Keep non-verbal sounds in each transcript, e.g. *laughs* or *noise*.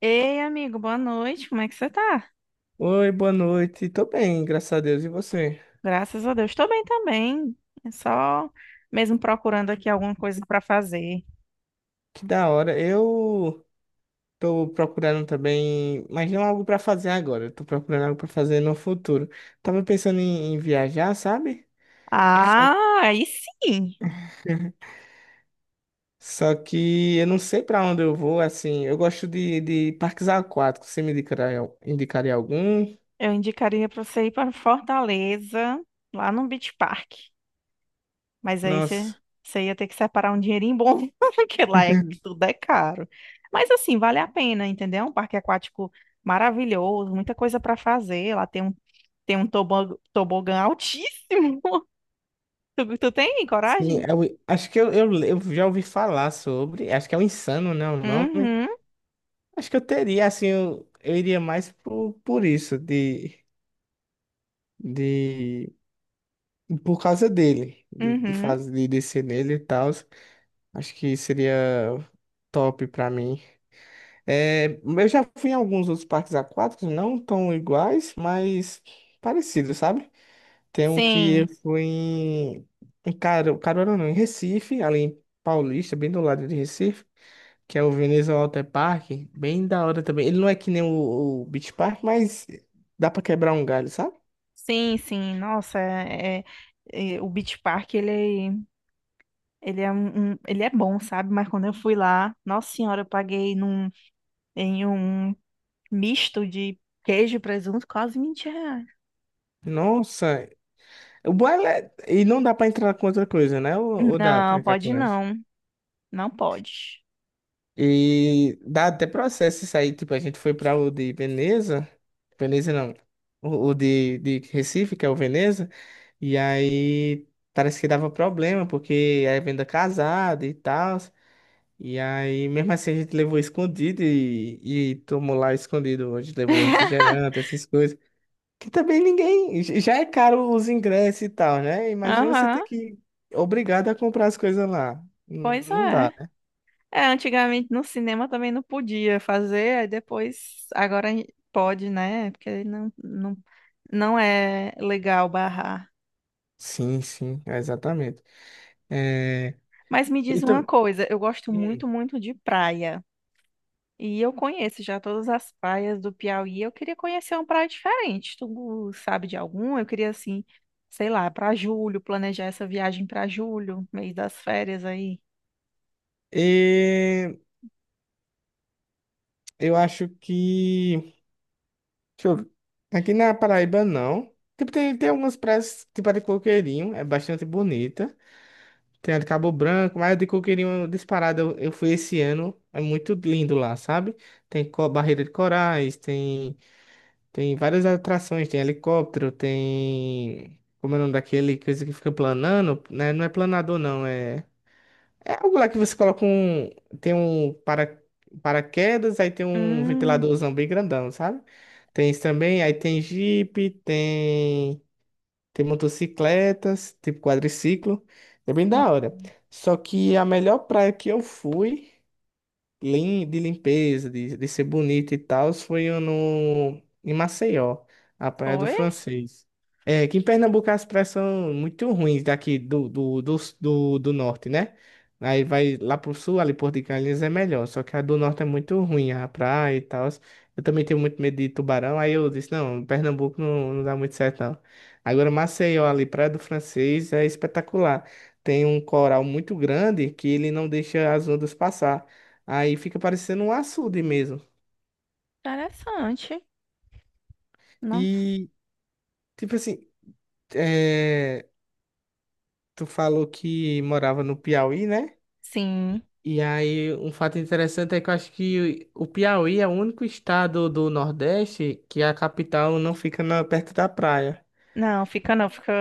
Ei, amigo, boa noite. Como é que você tá? Oi, boa noite. Tô bem, graças a Deus. E você? Graças a Deus. Tô bem também. É só mesmo procurando aqui alguma coisa pra fazer. Que da hora. Eu tô procurando também, mas não algo pra fazer agora. Eu tô procurando algo pra fazer no futuro. Tava pensando em viajar, sabe? Só que, Ah, aí sim. *laughs* só que eu não sei pra onde eu vou, assim. Eu gosto de parques aquáticos. Você me indicaria, indicaria algum? Eu indicaria pra você ir pra Fortaleza, lá no Beach Park. Mas aí você, Nossa. você ia ter que separar um dinheirinho bom, *laughs* porque *laughs* tudo é caro. Mas assim, vale a pena, entendeu? Um parque aquático maravilhoso, muita coisa pra fazer. Lá tem um tobogã altíssimo. *laughs* Tu tem Sim, coragem? eu, acho que eu já ouvi falar sobre. Acho que é o Insano, né? O nome. Uhum, Acho que eu teria, assim, eu iria mais por isso, de, por causa dele, de uhum. fazer, de descer nele e tal. Acho que seria top pra mim. É, eu já fui em alguns outros parques aquáticos, não tão iguais, mas parecidos, sabe? Tem um que eu Sim, fui em Caruaru, não, em Recife, ali em Paulista, bem do lado de Recife, que é o Veneza Water Park, bem da hora também. Ele não é que nem o Beach Park, mas dá pra quebrar um galho, sabe? sim, sim. Nossa, o Beach Park, ele ele é bom, sabe? Mas quando eu fui lá, nossa senhora, eu paguei em um misto de queijo e presunto quase R$ 20. Nossa, o bom é... E não dá pra entrar com outra coisa, né? Ou dá pra Não, entrar com pode ela? não. Não pode. E dá até processo isso aí. Tipo, a gente foi pra o de Veneza. Veneza não. O de Recife, que é o Veneza. E aí parece que dava problema, porque é venda casada e tal. E aí, mesmo assim, a gente levou escondido e tomou lá escondido. A gente levou refrigerante, essas coisas. Que também ninguém. Já é caro os ingressos e tal, né? Imagina você ter Aham, que. Obrigado a comprar as coisas lá. Não pois não dá, é. né? É, antigamente no cinema também não podia fazer, aí depois, agora pode, né? Porque não é legal barrar. Sim, sim, exatamente. É, Mas me diz e uma tam- coisa, eu gosto hum, muito, muito de praia. E eu conheço já todas as praias do Piauí. Eu queria conhecer uma praia diferente. Tu sabe de alguma? Eu queria assim, sei lá, para julho, planejar essa viagem para julho, mês das férias aí. e eu acho que. Deixa eu ver. Aqui na Paraíba, não. Tipo, tem algumas praias, tipo a de Coqueirinho, é bastante bonita. Tem a de Cabo Branco, mas a de Coqueirinho disparada, eu fui esse ano, é muito lindo lá, sabe? Tem barreira de corais, tem, tem várias atrações, tem helicóptero, tem. Como é o nome daquele coisa que fica planando, né? Não é planador, não, é. É algo lá que você coloca um. Tem um paraquedas, aí tem um Hum, ventiladorzão bem grandão, sabe? Tem isso também, aí tem Jeep, tem. Tem motocicletas, tipo quadriciclo. É bem sim. da hora. Só que a melhor praia que eu fui, de limpeza, de ser bonita e tal, foi no, em Maceió, a Praia do Foi Francês. É, que em Pernambuco as praias são muito ruins daqui do norte, né? Aí vai lá pro sul, ali Porto de Galinhas é melhor, só que a do norte é muito ruim, a praia e tal. Eu também tenho muito medo de tubarão, aí eu disse, não, Pernambuco não, não dá muito certo, não. Agora Maceió ali, Praia do Francês, é espetacular. Tem um coral muito grande que ele não deixa as ondas passar. Aí fica parecendo um açude mesmo. interessante. Não. E, tipo assim, é, tu falou que morava no Piauí, né? Sim. E aí, um fato interessante é que eu acho que o Piauí é o único estado do Nordeste que a capital não fica perto da praia. Não, fica não, fica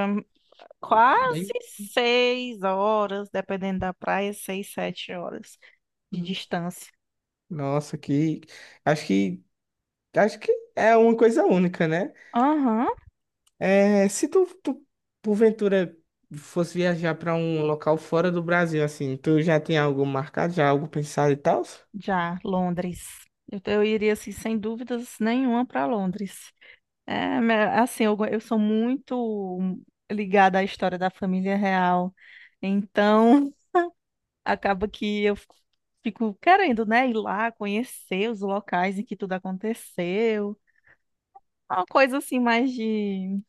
quase Bem, 6 horas, dependendo da praia, 6, 7 horas de distância. nossa, que. Acho que. Acho que é uma coisa única, né? Aham, É, se tu porventura fosse viajar para um local fora do Brasil, assim, tu já tem algo marcado, já algo pensado e tal? já, Londres. Eu iria, assim, sem dúvidas nenhuma para Londres. É, assim, eu sou muito ligada à história da família real, então *laughs* acaba que eu fico querendo, né, ir lá conhecer os locais em que tudo aconteceu. Uma coisa assim mais de.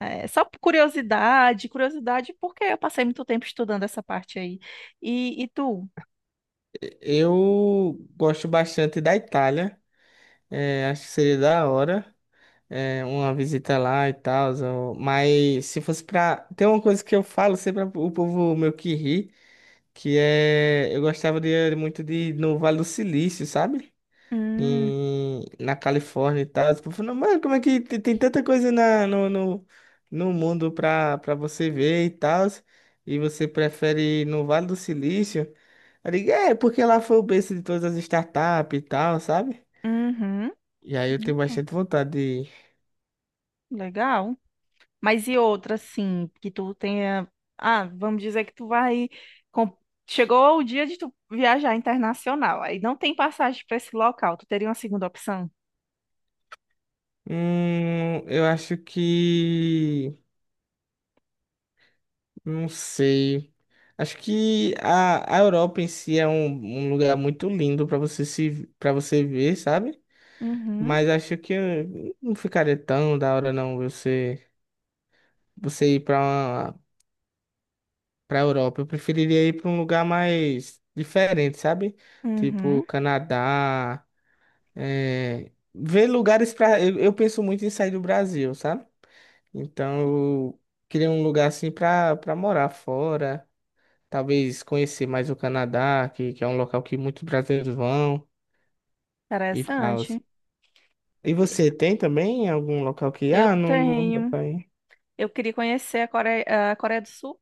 É, só por curiosidade, porque eu passei muito tempo estudando essa parte aí. E tu? Eu gosto bastante da Itália. É, acho que seria da hora, é, uma visita lá e tal. Mas se fosse pra. Tem uma coisa que eu falo sempre o povo meio que ri, que é. Eu gostaria muito de ir no Vale do Silício, sabe? Hum, Em, na Califórnia e tal. Tipo, eu falei, mano, como é que tem tanta coisa na, no, no, no mundo pra você ver e tal, e você prefere ir no Vale do Silício? Eu digo, é, porque lá foi o berço de todas as startups e tal, sabe? uhum, E aí eu tenho uhum, bastante vontade de ir. legal. Mas e outra, assim, que tu tenha. Ah, vamos dizer que tu vai. com- Chegou o dia de tu viajar internacional. Aí não tem passagem para esse local. Tu teria uma segunda opção? Eu acho que. Não sei. Acho que a Europa em si é um, um lugar muito lindo pra você se para você ver, sabe? Uhum, Mas acho que não ficaria tão da hora não você ir para uma para Europa. Eu preferiria ir para um lugar mais diferente, sabe? Tipo uhum. Canadá, é, ver lugares para eu penso muito em sair do Brasil, sabe? Então eu queria um lugar assim para morar fora, talvez conhecer mais o Canadá, que é um local que muitos brasileiros vão e tal. Interessante. E você tem também algum local que Eu ah, não dá tenho. pra ir? Eu queria conhecer a Coreia do Sul.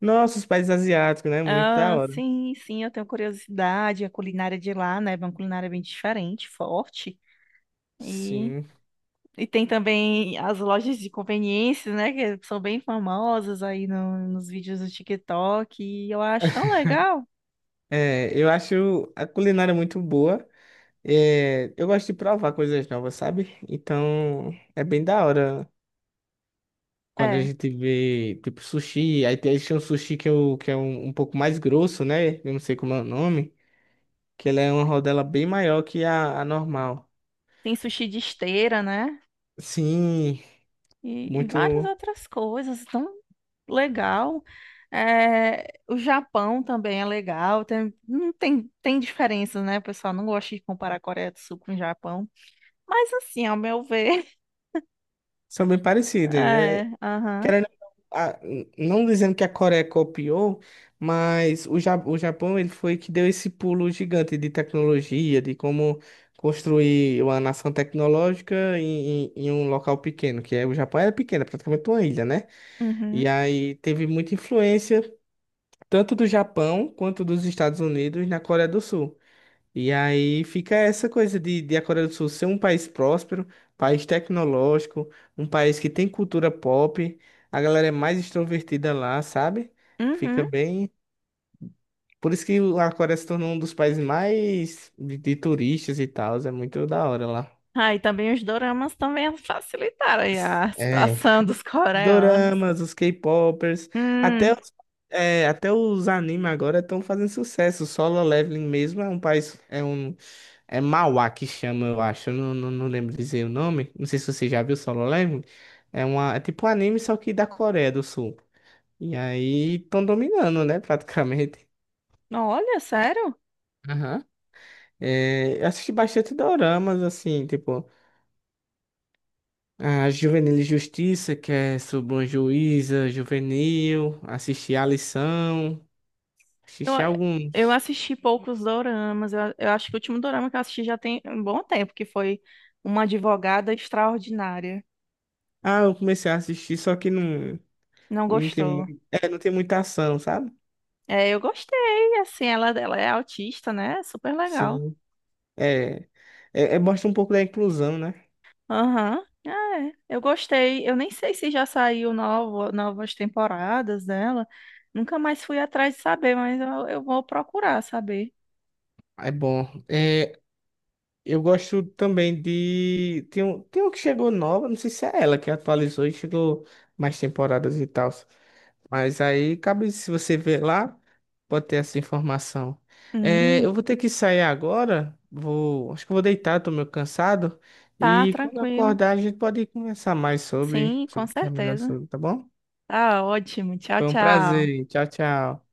Nossa, os países asiáticos, né? Muito da Ah, hora. sim, sim, eu tenho curiosidade. A culinária de lá, né? É uma culinária bem diferente, forte. E, Sim. e tem também as lojas de conveniência, né? Que são bem famosas aí nos vídeos do TikTok. E eu acho tão legal. É, eu acho a culinária muito boa. É, eu gosto de provar coisas novas, sabe? Então, é bem da hora quando a É, gente vê, tipo, sushi. Aí tem um sushi que, eu, que é um, um pouco mais grosso, né? Eu não sei como é o nome. Que ele é uma rodela bem maior que a normal. tem sushi de esteira, né? Sim, E várias muito... outras coisas. Tão legal. É, o Japão também é legal. Não tem, tem diferença, né? O pessoal não gosta de comparar a Coreia do Sul com o Japão. Mas assim, ao meu ver, São bem *laughs* parecidas, né? é, aham, Querendo, a- não dizendo que a Coreia copiou, mas o, o Japão ele foi que deu esse pulo gigante de tecnologia, de como construir uma nação tecnológica em um local pequeno, que é o Japão era pequeno, é praticamente uma ilha, né? E uhum, aí teve muita influência tanto do Japão quanto dos Estados Unidos na Coreia do Sul. E aí fica essa coisa de a Coreia do Sul ser um país próspero, país tecnológico, um país que tem cultura pop, a galera é mais extrovertida lá, sabe? Fica uhum. bem. Por isso que a Coreia se tornou um dos países mais de turistas e tal, é muito da hora lá. Ah, e também os doramas também facilitaram aí a É, situação *laughs* dos os coreanos. doramas, os K-popers, até Hum, os, é, até os animes agora estão fazendo sucesso. O Solo Leveling mesmo é um país, é um, é Mauá que chama, eu acho. Eu não lembro dizer o nome. Não sei se você já viu Solo Leveling. É uma, é tipo um anime, só que da Coreia do Sul. E aí estão dominando, né? Praticamente. olha, sério? Aham. É, eu assisti bastante doramas, assim, tipo, a Juvenil Justiça, que é sobre uma juíza juvenil, assisti A Lição, Eu, assisti eu alguns. assisti poucos doramas, eu acho que o último dorama que eu assisti já tem um bom tempo, que foi Uma Advogada Extraordinária. Ah, eu comecei a assistir, só que não, Não não tem, gostou? É, não tem muita ação, sabe? É, eu gostei, assim, ela é autista, né? Super legal. Sim. É, é, é mostra um pouco da inclusão, né? Aham. Ah, é, eu gostei. Eu nem sei se já saiu novas temporadas dela. Nunca mais fui atrás de saber, mas eu vou procurar saber. É bom. É, eu gosto também de. Tem um que chegou nova, não sei se é ela que atualizou e chegou mais temporadas e tal. Mas aí cabe, se você ver lá, pode ter essa informação. É, Hum, eu vou ter que sair agora. Vou, acho que eu vou deitar, tô meio cansado. tá E quando eu tranquilo. acordar, a gente pode conversar mais sobre, Sim, com sobre terminar certeza. sobre, tá bom? Tá ótimo. Tchau, Foi um tchau. prazer. Tchau, tchau.